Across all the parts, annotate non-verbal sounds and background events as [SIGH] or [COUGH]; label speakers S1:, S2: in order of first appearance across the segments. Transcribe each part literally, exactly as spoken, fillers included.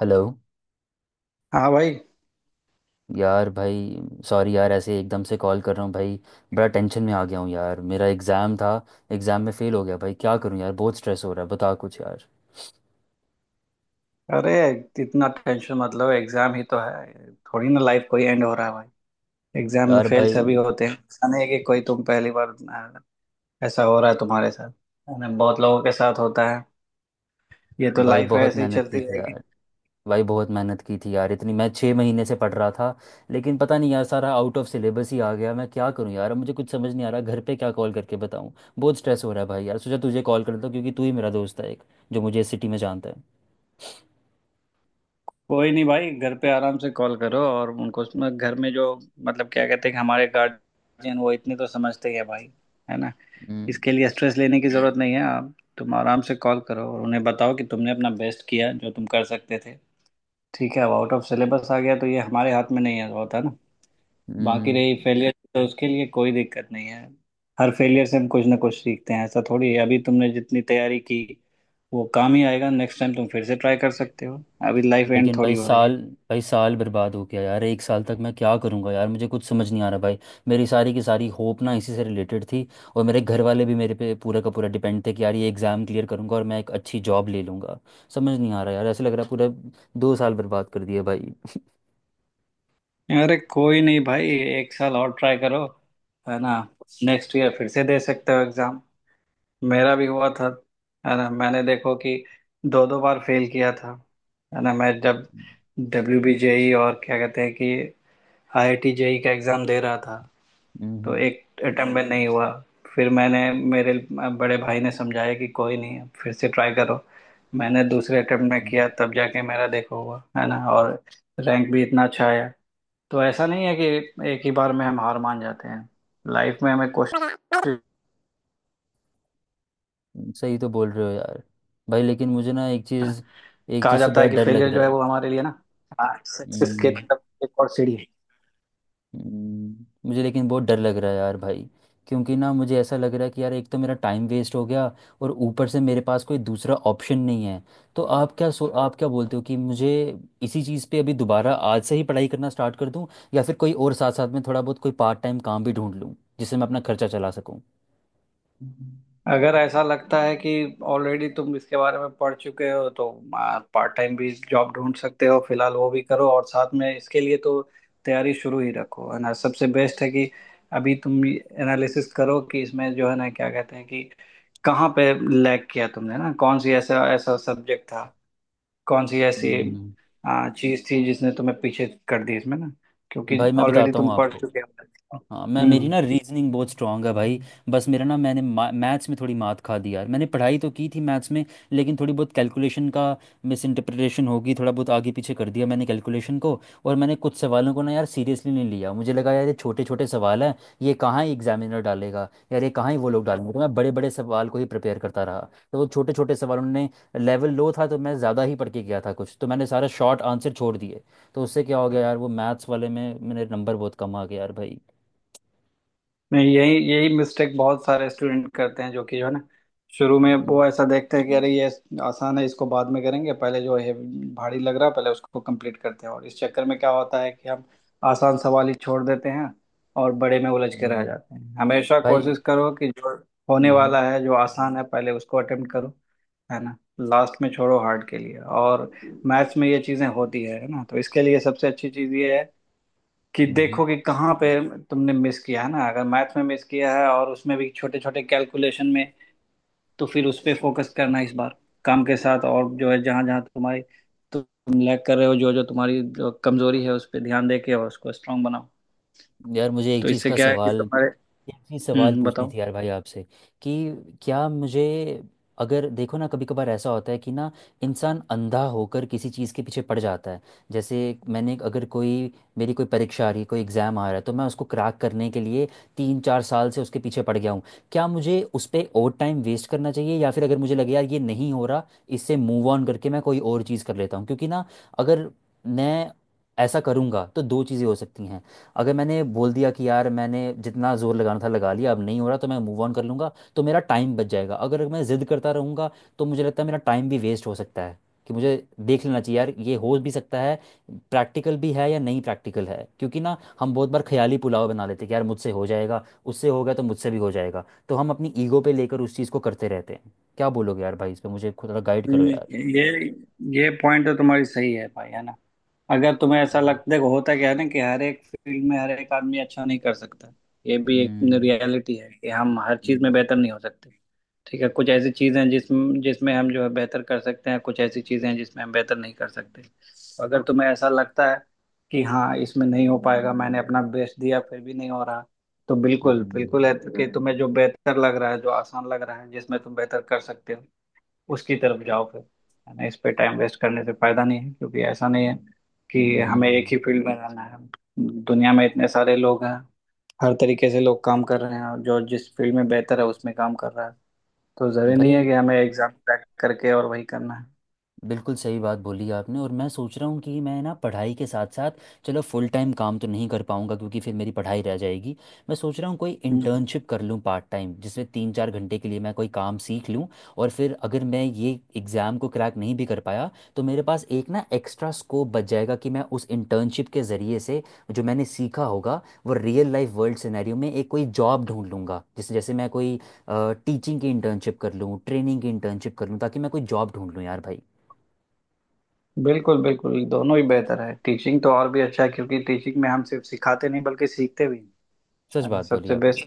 S1: Hello.
S2: हाँ भाई।
S1: यार भाई, सॉरी यार ऐसे एकदम से कॉल कर रहा हूँ भाई। बड़ा टेंशन में आ गया हूँ यार, मेरा एग्ज़ाम था। एग्ज़ाम में फ़ेल हो गया भाई, क्या करूँ यार, बहुत स्ट्रेस हो रहा है, बता कुछ यार।
S2: अरे इतना टेंशन मतलब एग्जाम ही तो है थोड़ी ना लाइफ कोई एंड हो रहा है भाई। एग्जाम में
S1: यार
S2: फेल
S1: भाई,
S2: सभी होते हैं ऐसा नहीं है कि कोई तुम पहली बार अ, ऐसा हो रहा है तुम्हारे साथ। है ना बहुत लोगों के साथ होता है। ये तो
S1: भाई
S2: लाइफ है
S1: बहुत
S2: ऐसे ही
S1: मेहनत
S2: चलती
S1: की थी
S2: रहेगी।
S1: यार भाई बहुत मेहनत की थी यार, इतनी मैं छः महीने से पढ़ रहा था। लेकिन पता नहीं यार, सारा आउट ऑफ सिलेबस ही आ गया, मैं क्या करूँ यार, अब मुझे कुछ समझ नहीं आ रहा, घर पे क्या कॉल करके बताऊँ। बहुत स्ट्रेस हो रहा है भाई, यार सोचा तुझे कॉल कर लेता हूँ, क्योंकि तू ही मेरा दोस्त है एक जो मुझे इस सिटी में जानता है।
S2: कोई नहीं भाई घर पे आराम से कॉल करो और उनको उसमें घर में जो मतलब क्या कहते हैं कि हमारे गार्जियन वो इतने तो समझते ही है भाई। है ना।
S1: हम्म।
S2: इसके लिए स्ट्रेस लेने की जरूरत नहीं है आप तुम आराम से कॉल करो और उन्हें बताओ कि तुमने अपना बेस्ट किया जो तुम कर सकते थे। ठीक है अब आउट ऑफ सिलेबस आ गया तो ये हमारे हाथ में नहीं है होता ना। बाकी
S1: हम्म।
S2: रही फेलियर तो उसके लिए कोई दिक्कत नहीं है। हर फेलियर से हम कुछ ना कुछ सीखते हैं ऐसा थोड़ी है अभी तुमने जितनी तैयारी की वो काम ही आएगा नेक्स्ट टाइम तुम फिर से ट्राई कर सकते हो। अभी लाइफ एंड
S1: लेकिन भाई
S2: थोड़ी हो रही है।
S1: साल भाई साल बर्बाद हो गया यार, एक साल तक मैं क्या करूँगा यार, मुझे कुछ समझ नहीं आ रहा भाई। मेरी सारी की सारी होप ना इसी से रिलेटेड थी, और मेरे घर वाले भी मेरे पे पूरा का पूरा डिपेंड थे कि यार ये एग्ज़ाम क्लियर करूँगा और मैं एक अच्छी जॉब ले लूँगा। समझ नहीं आ रहा यार, ऐसे लग रहा है पूरा दो साल बर्बाद कर दिए भाई।
S2: अरे कोई नहीं भाई। एक साल और ट्राई करो। है ना। नेक्स्ट ईयर फिर से दे सकते हो एग्जाम। मेरा भी हुआ था। है ना मैंने देखो कि दो दो बार फेल किया था। है ना मैं जब डब्ल्यू बी जे ई और क्या कहते हैं कि आईआईटी जेई का एग्ज़ाम दे रहा था, तो
S1: हम्म।
S2: एक अटेम्प्ट में नहीं हुआ। फिर मैंने मेरे अ, बड़े भाई ने समझाया कि कोई नहीं फिर से ट्राई करो। मैंने दूसरे अटेम्प्ट में
S1: हम्म।
S2: किया तब जाके मेरा देखो हुआ, है ना? और रैंक भी इतना अच्छा आया। तो ऐसा नहीं है कि एक ही बार में हम हार मान जाते हैं। लाइफ में हमें कोशिश
S1: सही तो बोल रहे हो यार भाई, लेकिन मुझे ना एक चीज़ एक
S2: कहा
S1: चीज़ से
S2: जाता
S1: बड़ा
S2: है कि
S1: डर लग
S2: फेलियर
S1: रहा
S2: जो है
S1: है।
S2: वो हमारे लिए ना सक्सेस के
S1: हम्म।
S2: तरफ एक और सीढ़ी है।
S1: हम्म, मुझे लेकिन बहुत डर लग रहा है यार भाई, क्योंकि ना मुझे ऐसा लग रहा है कि यार एक तो मेरा टाइम वेस्ट हो गया और ऊपर से मेरे पास कोई दूसरा ऑप्शन नहीं है। तो आप क्या सो आप क्या बोलते हो कि मुझे इसी चीज़ पे अभी दोबारा आज से ही पढ़ाई करना स्टार्ट कर दूं, या फिर कोई और साथ साथ में थोड़ा बहुत कोई पार्ट टाइम काम भी ढूंढ लूं जिससे मैं अपना खर्चा चला सकूं।
S2: अगर ऐसा लगता है कि ऑलरेडी तुम इसके बारे में पढ़ चुके हो तो पार्ट टाइम भी जॉब ढूंढ सकते हो फिलहाल वो भी करो और साथ में इसके लिए तो तैयारी शुरू ही रखो है ना सबसे बेस्ट है कि अभी तुम एनालिसिस करो कि इसमें जो है ना क्या कहते हैं कि कहाँ पे लैग किया तुमने ना कौन सी ऐसा ऐसा सब्जेक्ट था कौन सी ऐसी
S1: हम्म।
S2: आ, चीज थी जिसने तुम्हें पीछे कर दी इसमें ना क्योंकि
S1: भाई मैं
S2: ऑलरेडी
S1: बताता हूँ
S2: तुम पढ़
S1: आपको।
S2: चुके हो।
S1: हाँ, मैं मेरी
S2: हम्म।
S1: ना रीजनिंग बहुत स्ट्रांग है भाई, बस मेरा ना मैंने मैथ्स में थोड़ी मात खा दी यार, मैंने पढ़ाई तो की थी मैथ्स में, लेकिन थोड़ी बहुत कैलकुलेशन का मिस इंटरप्रिटेशन होगी, थोड़ा बहुत आगे पीछे कर दिया मैंने कैलकुलेशन को। और मैंने कुछ सवालों को ना यार सीरियसली नहीं लिया, मुझे लगा यार ये छोटे छोटे सवाल हैं, ये कहाँ ही एग्जामिनर डालेगा यार, ये कहाँ ही वो लोग डालेंगे, तो मैं बड़े बड़े सवाल को ही प्रिपेयर करता रहा, तो वो छोटे छोटे सवालों ने, लेवल लो था तो मैं ज़्यादा ही पढ़ के गया था, कुछ तो मैंने सारा शॉर्ट आंसर छोड़ दिए। तो उससे क्या हो गया यार, वो मैथ्स वाले में मेरे नंबर बहुत कम आ गए यार भाई।
S2: नहीं यही यही मिस्टेक बहुत सारे स्टूडेंट करते हैं जो कि जो है ना शुरू में
S1: हम्म।
S2: वो ऐसा देखते हैं कि अरे ये आसान है इसको बाद में करेंगे पहले जो है भारी लग रहा है पहले उसको कंप्लीट करते हैं और इस चक्कर में क्या होता है कि हम आसान सवाल ही छोड़ देते हैं और बड़े में उलझ के रह
S1: हम्म।
S2: जाते हैं हमेशा
S1: भाई।
S2: कोशिश करो कि जो होने
S1: हम्म।
S2: वाला है जो आसान है पहले उसको अटेम्प्ट करो है ना लास्ट में छोड़ो हार्ड के लिए और मैथ्स में ये चीजें होती है है ना तो इसके लिए सबसे अच्छी चीज ये है कि
S1: हम्म।
S2: देखो कि कहाँ पे तुमने मिस किया है ना अगर मैथ में मिस किया है और उसमें भी छोटे छोटे कैलकुलेशन में तो फिर उस पे फोकस करना इस बार काम के साथ और जो है जहाँ जहाँ तुम्हारी तुम लैग कर रहे हो जो जो तुम्हारी जो कमजोरी है उस पर ध्यान दे के और उसको स्ट्रांग बनाओ।
S1: हम्म। यार मुझे एक
S2: तो
S1: चीज़
S2: इससे
S1: का
S2: क्या है कि
S1: सवाल
S2: तुम्हारे
S1: एक चीज
S2: हम्म
S1: सवाल
S2: हम्म,
S1: पूछनी
S2: बताओ।
S1: थी यार भाई आपसे, कि क्या मुझे, अगर देखो ना कभी कभार ऐसा होता है कि ना इंसान अंधा होकर किसी चीज़ के पीछे पड़ जाता है। जैसे मैंने, अगर कोई, मेरी कोई परीक्षा आ रही है, कोई एग्ज़ाम आ रहा है, तो मैं उसको क्रैक करने के लिए तीन चार साल से उसके पीछे पड़ गया हूँ। क्या मुझे उस पर और टाइम वेस्ट करना चाहिए, या फिर अगर मुझे लगे यार ये नहीं हो रहा, इससे मूव ऑन करके मैं कोई और चीज़ कर लेता हूँ, क्योंकि ना, अगर मैं ऐसा करूँगा तो दो चीज़ें हो सकती हैं। अगर मैंने बोल दिया कि यार मैंने जितना जोर लगाना था लगा लिया, अब नहीं हो रहा, तो मैं मूव ऑन कर लूँगा तो मेरा टाइम बच जाएगा। अगर मैं जिद करता रहूँगा, तो मुझे लगता है मेरा टाइम भी वेस्ट हो सकता है। कि मुझे देख लेना चाहिए यार ये हो भी सकता है, प्रैक्टिकल भी है या नहीं, प्रैक्टिकल है क्योंकि ना हम बहुत बार ख्याली पुलाव बना लेते हैं कि यार मुझसे हो जाएगा, उससे हो गया तो मुझसे भी हो जाएगा, तो हम अपनी ईगो पे लेकर उस चीज़ को करते रहते हैं। क्या बोलोगे यार भाई इस पे, मुझे खुद- थोड़ा गाइड करो
S2: हम्म,
S1: यार।
S2: ये ये पॉइंट तो तुम्हारी सही है भाई है ना। अगर तुम्हें ऐसा
S1: हम्म।
S2: लगता देखो होता क्या है ना कि हर एक फील्ड में हर एक आदमी अच्छा नहीं कर सकता। ये भी एक
S1: हम्म।
S2: रियलिटी है कि हम हर चीज में
S1: हम्म।
S2: बेहतर नहीं हो सकते। ठीक है कुछ ऐसी चीजें हैं जिसमें जिसमें हम जो है बेहतर कर सकते हैं कुछ ऐसी चीजें हैं जिसमें हम बेहतर नहीं कर सकते तो अगर तुम्हें ऐसा लगता है कि हाँ इसमें नहीं हो पाएगा मैंने अपना बेस्ट दिया फिर भी नहीं हो रहा तो बिल्कुल
S1: हम्म।
S2: बिल्कुल है कि तुम्हें जो बेहतर लग रहा है जो आसान लग रहा है जिसमें तुम बेहतर कर सकते हो उसकी तरफ जाओ फिर है ना इस पे टाइम वेस्ट करने से फायदा नहीं है क्योंकि ऐसा नहीं है कि हमें एक
S1: हम्म।
S2: ही फील्ड में रहना है। दुनिया में इतने सारे लोग हैं हर तरीके से लोग काम कर रहे हैं और जो जिस फील्ड में बेहतर है उसमें काम कर रहा है। तो जरूरी नहीं है
S1: भाई
S2: कि हमें एग्जाम क्रैक करके और वही करना है।
S1: बिल्कुल सही बात बोली आपने, और मैं सोच रहा हूँ कि मैं ना पढ़ाई के साथ साथ, चलो फुल टाइम काम तो नहीं कर पाऊंगा क्योंकि फिर मेरी पढ़ाई रह जाएगी, मैं सोच रहा हूँ कोई
S2: हम्म।
S1: इंटर्नशिप कर लूँ पार्ट टाइम, जिसमें तीन चार घंटे के लिए मैं कोई काम सीख लूँ। और फिर अगर मैं ये एग्ज़ाम को क्रैक नहीं भी कर पाया, तो मेरे पास एक ना एक्स्ट्रा स्कोप बच जाएगा कि मैं उस इंटर्नशिप के ज़रिए से जो मैंने सीखा होगा वो रियल लाइफ वर्ल्ड सिनेरियो में एक कोई जॉब ढूंढ लूँगा। जैसे जैसे मैं कोई टीचिंग की इंटर्नशिप कर लूँ, ट्रेनिंग की इंटर्नशिप कर लूँ, ताकि मैं कोई जॉब ढूंढ लूँ यार भाई।
S2: बिल्कुल बिल्कुल दोनों ही बेहतर है टीचिंग तो और भी अच्छा है क्योंकि टीचिंग में हम सिर्फ सिखाते नहीं बल्कि सीखते भी हैं।
S1: सच
S2: है ना
S1: बात बोली
S2: सबसे
S1: आपने।
S2: बेस्ट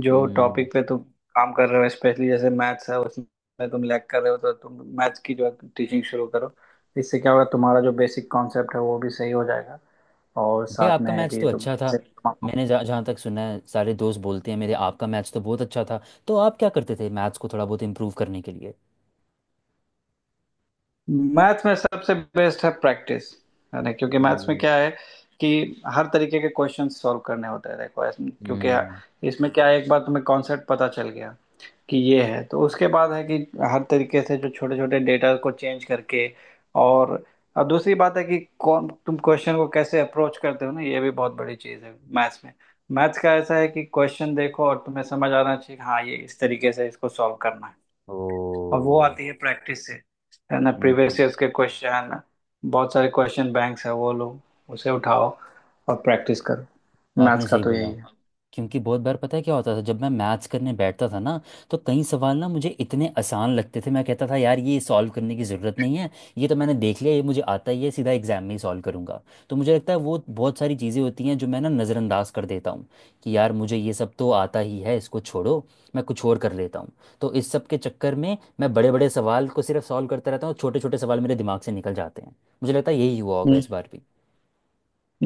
S2: जो
S1: हम्म।
S2: टॉपिक पे तुम काम कर रहे हो स्पेशली जैसे मैथ्स है उसमें तुम लैग कर रहे हो तो तुम मैथ्स की जो टीचिंग शुरू करो। इससे क्या होगा तुम्हारा जो बेसिक कॉन्सेप्ट है वो भी सही हो जाएगा। और
S1: भैया
S2: साथ
S1: आपका
S2: में है
S1: मैच
S2: कि
S1: तो
S2: तुम
S1: अच्छा था,
S2: कैसे
S1: मैंने जहाँ जहाँ तक सुना है सारे दोस्त बोलते हैं मेरे, आपका मैच तो बहुत अच्छा था। तो आप क्या करते थे मैथ्स को थोड़ा बहुत इम्प्रूव करने के लिए?
S2: मैथ्स में सबसे बेस्ट है प्रैक्टिस है ना क्योंकि मैथ्स में
S1: हम्म।
S2: क्या है कि हर तरीके के क्वेश्चन सॉल्व करने होते हैं देखो ऐसे- क्योंकि
S1: हम्म।
S2: इसमें क्या है एक बार तुम्हें कॉन्सेप्ट पता चल गया कि ये है तो उसके बाद है कि हर तरीके से जो छोटे छोटे डेटा को चेंज करके और अब दूसरी बात है कि कौन तुम क्वेश्चन को कैसे अप्रोच करते हो ना ये भी बहुत बड़ी चीज़ है मैथ्स में। मैथ्स का ऐसा है कि क्वेश्चन देखो और तुम्हें समझ आना चाहिए कि हाँ ये इस तरीके से इसको सॉल्व करना है और वो
S1: ओ।
S2: आती है प्रैक्टिस से। है ना
S1: हम्म।
S2: प्रीवियस ईयर्स के क्वेश्चन बहुत सारे क्वेश्चन बैंक्स है वो लो उसे उठाओ और प्रैक्टिस करो। मैथ्स
S1: आपने
S2: का
S1: सही
S2: तो यही
S1: बोला,
S2: है।
S1: क्योंकि बहुत बार पता है क्या होता था, जब मैं मैथ्स करने बैठता था ना, तो कई सवाल ना मुझे इतने आसान लगते थे, मैं कहता था यार ये सॉल्व करने की ज़रूरत नहीं है, ये तो मैंने देख लिया, ये मुझे आता ही है, सीधा एग्जाम में ही सॉल्व करूंगा। तो मुझे लगता है वो बहुत सारी चीज़ें होती हैं जो मैं ना नज़रअंदाज कर देता हूँ, कि यार मुझे ये सब तो आता ही है, इसको छोड़ो, मैं कुछ और कर लेता हूँ। तो इस सब के चक्कर में मैं बड़े बड़े सवाल को सिर्फ सॉल्व करता रहता हूँ, छोटे छोटे सवाल मेरे दिमाग से निकल जाते हैं। मुझे लगता है यही हुआ होगा
S2: हम्म।
S1: इस बार भी।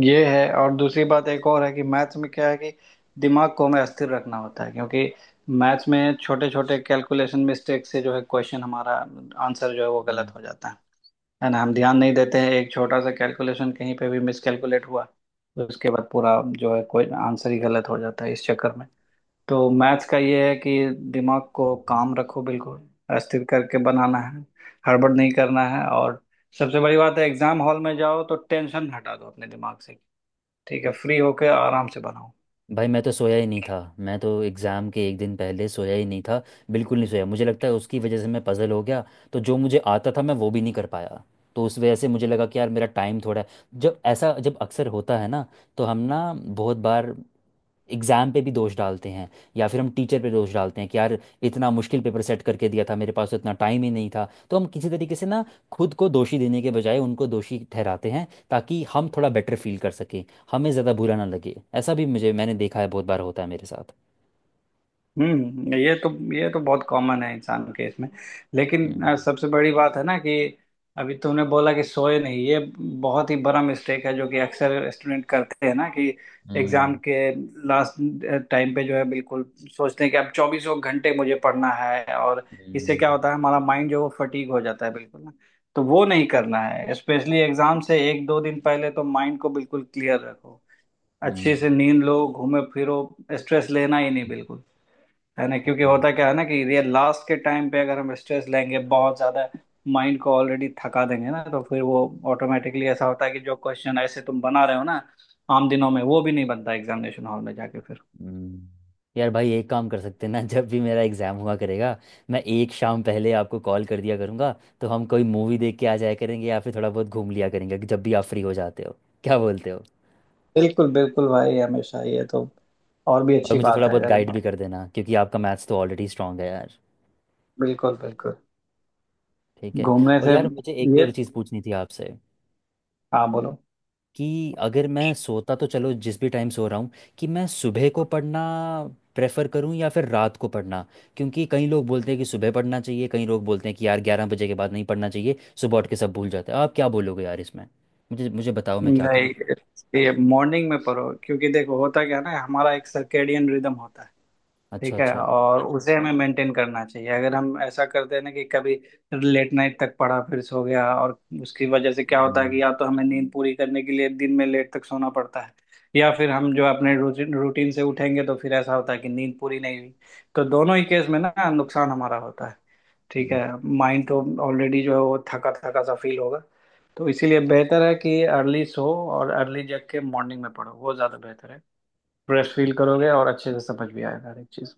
S2: ये है और दूसरी बात एक और है कि मैथ्स में क्या है कि दिमाग को हमें अस्थिर रखना होता है क्योंकि मैथ्स में छोटे छोटे कैलकुलेशन मिस्टेक से जो है क्वेश्चन हमारा आंसर जो है वो
S1: हम्म।
S2: गलत हो जाता है। है ना हम ध्यान नहीं देते हैं एक छोटा सा कैलकुलेशन कहीं पे भी मिस कैलकुलेट हुआ तो उसके बाद पूरा जो है कोई आंसर ही गलत हो जाता है इस चक्कर में। तो मैथ्स का ये है कि दिमाग को काम रखो बिल्कुल अस्थिर करके बनाना है हड़बड़ नहीं करना है और सबसे बड़ी बात है एग्जाम हॉल में जाओ तो टेंशन हटा दो अपने दिमाग से। ठीक है फ्री होके आराम से बनाओ।
S1: भाई मैं तो सोया ही नहीं था, मैं तो एग्ज़ाम के एक दिन पहले सोया ही नहीं था, बिल्कुल नहीं सोया, मुझे लगता है उसकी वजह से मैं पज़ल हो गया, तो जो मुझे आता था मैं वो भी नहीं कर पाया। तो उस वजह से मुझे लगा कि यार मेरा टाइम थोड़ा है। जब ऐसा जब अक्सर होता है ना, तो हम ना बहुत बार एग्ज़ाम पे भी दोष डालते हैं, या फिर हम टीचर पे दोष डालते हैं कि यार इतना मुश्किल पेपर सेट करके दिया था, मेरे पास तो इतना टाइम ही नहीं था, तो हम किसी तरीके से ना खुद को दोषी देने के बजाय उनको दोषी ठहराते हैं ताकि हम थोड़ा बेटर फील कर सकें, हमें ज़्यादा बुरा ना लगे। ऐसा भी मुझे, मैंने देखा है बहुत बार होता है मेरे साथ।
S2: हम्म ये तो ये तो बहुत कॉमन है इंसान के इसमें लेकिन अ,
S1: हम्म।
S2: सबसे बड़ी बात है ना कि अभी तुमने बोला कि सोए नहीं ये बहुत ही बड़ा मिस्टेक है जो कि अक्सर स्टूडेंट करते हैं ना कि एग्जाम
S1: हम्म।
S2: के लास्ट टाइम पे जो है बिल्कुल सोचते हैं कि अब चौबीसों घंटे मुझे पढ़ना है और इससे
S1: हम्म।
S2: क्या होता है हमारा माइंड जो है वो फटीग हो जाता है बिल्कुल ना। तो वो नहीं करना है स्पेशली एग्जाम से एक दो दिन पहले तो माइंड को बिल्कुल क्लियर रखो।
S1: हम्म।
S2: अच्छे से नींद लो घूमे फिरो स्ट्रेस लेना ही नहीं बिल्कुल। है ना क्योंकि
S1: हाँ।
S2: होता क्या है ना कि रियल लास्ट के टाइम पे अगर हम स्ट्रेस लेंगे बहुत ज्यादा माइंड को ऑलरेडी थका देंगे ना तो फिर वो ऑटोमेटिकली ऐसा होता है कि जो क्वेश्चन ऐसे तुम बना रहे हो ना आम दिनों में वो भी नहीं बनता एग्जामिनेशन हॉल में जाके फिर।
S1: हम्म। यार भाई एक काम कर सकते हैं ना [LAUGHS] जब भी मेरा एग्ज़ाम हुआ करेगा, मैं एक शाम पहले आपको कॉल कर दिया करूँगा, तो हम कोई मूवी देख के आ जाया करेंगे, या फिर थोड़ा बहुत घूम लिया करेंगे, कि जब भी आप फ्री हो जाते हो, क्या बोलते हो?
S2: बिल्कुल बिल्कुल भाई हमेशा ये तो और भी
S1: और
S2: अच्छी
S1: मुझे थोड़ा
S2: बात है
S1: बहुत
S2: अगर
S1: गाइड भी कर देना क्योंकि आपका मैथ्स तो ऑलरेडी स्ट्रांग है यार।
S2: बिल्कुल बिल्कुल
S1: ठीक है।
S2: घूमने
S1: और
S2: से
S1: यार मुझे एक
S2: ये
S1: और चीज़ पूछनी थी आपसे,
S2: हाँ बोलो।
S1: कि अगर मैं सोता तो चलो जिस भी टाइम सो रहा हूँ, कि मैं सुबह को पढ़ना प्रेफर करूँ या फिर रात को पढ़ना, क्योंकि कई लोग बोलते हैं कि सुबह पढ़ना चाहिए, कई लोग बोलते हैं कि यार ग्यारह बजे के बाद नहीं पढ़ना चाहिए, सुबह उठ के सब भूल जाते हैं, आप क्या बोलोगे यार इसमें? मुझे मुझे बताओ मैं क्या
S2: नहीं
S1: करूँ।
S2: ये मॉर्निंग में पढ़ो क्योंकि देखो होता क्या है ना हमारा एक सर्केडियन रिदम होता है।
S1: अच्छा
S2: ठीक है
S1: अच्छा।
S2: और उसे हमें मेंटेन करना चाहिए अगर हम ऐसा करते हैं ना कि कभी लेट नाइट तक पढ़ा फिर सो गया और उसकी वजह से क्या होता है
S1: हम्म।
S2: कि या तो हमें नींद पूरी करने के लिए दिन में लेट तक सोना पड़ता है या फिर हम जो अपने रूटीन रूटीन से उठेंगे तो फिर ऐसा होता है कि नींद पूरी नहीं हुई। तो दोनों ही केस में ना नुकसान हमारा होता है। ठीक है माइंड तो ऑलरेडी जो है वो थका थका सा फील होगा। तो इसीलिए बेहतर है कि अर्ली सो और अर्ली जग के मॉर्निंग में पढ़ो वो ज़्यादा बेहतर है। फ्रेश फील करोगे और अच्छे से समझ भी आएगा हर एक चीज़।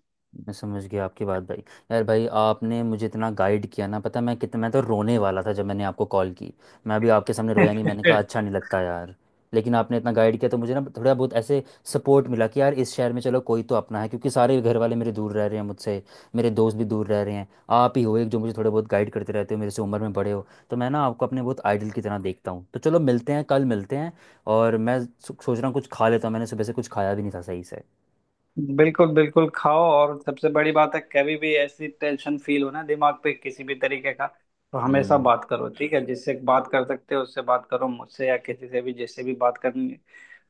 S1: मैं समझ गया आपकी बात भाई। यार भाई आपने मुझे इतना गाइड किया ना, पता मैं कितना, मैं तो रोने वाला था जब मैंने आपको कॉल की, मैं अभी आपके सामने रोया नहीं, मैंने कहा
S2: [LAUGHS]
S1: अच्छा नहीं लगता यार। लेकिन आपने इतना गाइड किया तो मुझे ना थोड़ा बहुत ऐसे सपोर्ट मिला कि यार इस शहर में चलो कोई तो अपना है, क्योंकि सारे घर वाले मेरे दूर रह रहे हैं मुझसे, मेरे दोस्त भी दूर रह रहे हैं, आप ही हो एक जो मुझे थोड़े बहुत गाइड करते रहते हो, मेरे से उम्र में बड़े हो, तो मैं ना आपको अपने बहुत आइडल की तरह देखता हूँ। तो चलो मिलते हैं, कल मिलते हैं। और मैं सो- सोच रहा हूँ कुछ खा लेता हूँ, मैंने सुबह से कुछ खाया भी नहीं था सही से।
S2: बिल्कुल बिल्कुल खाओ और सबसे बड़ी बात है कभी भी ऐसी टेंशन फील हो ना दिमाग पे किसी भी तरीके का तो हमेशा
S1: हम्म।
S2: बात करो। ठीक है जिससे बात कर सकते हो उससे बात करो मुझसे या किसी से भी जिससे भी बात करनी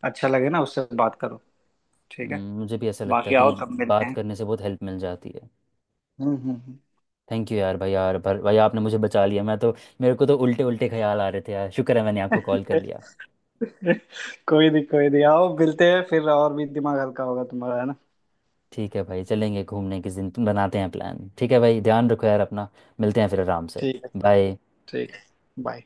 S2: अच्छा लगे ना उससे बात करो। ठीक है
S1: हम्म। मुझे भी ऐसा लगता है
S2: बाकी
S1: कि
S2: आओ तब मिलते
S1: बात
S2: हैं।
S1: करने से बहुत हेल्प मिल जाती है।
S2: हम्म हम्म
S1: थैंक यू यार भाई, यार भर, भाई आपने मुझे बचा लिया, मैं तो, मेरे को तो उल्टे उल्टे ख्याल आ रहे थे यार, शुक्र है मैंने आपको कॉल कर
S2: हम्म।
S1: लिया।
S2: [LAUGHS] कोई नहीं कोई नहीं आओ मिलते हैं फिर और भी दिमाग हल्का होगा तुम्हारा है ना।
S1: ठीक है भाई, चलेंगे घूमने, किस दिन बनाते हैं प्लान? ठीक है भाई, ध्यान रखो यार अपना, मिलते हैं फिर आराम से।
S2: ठीक है।
S1: बाय।
S2: ठीक है बाय।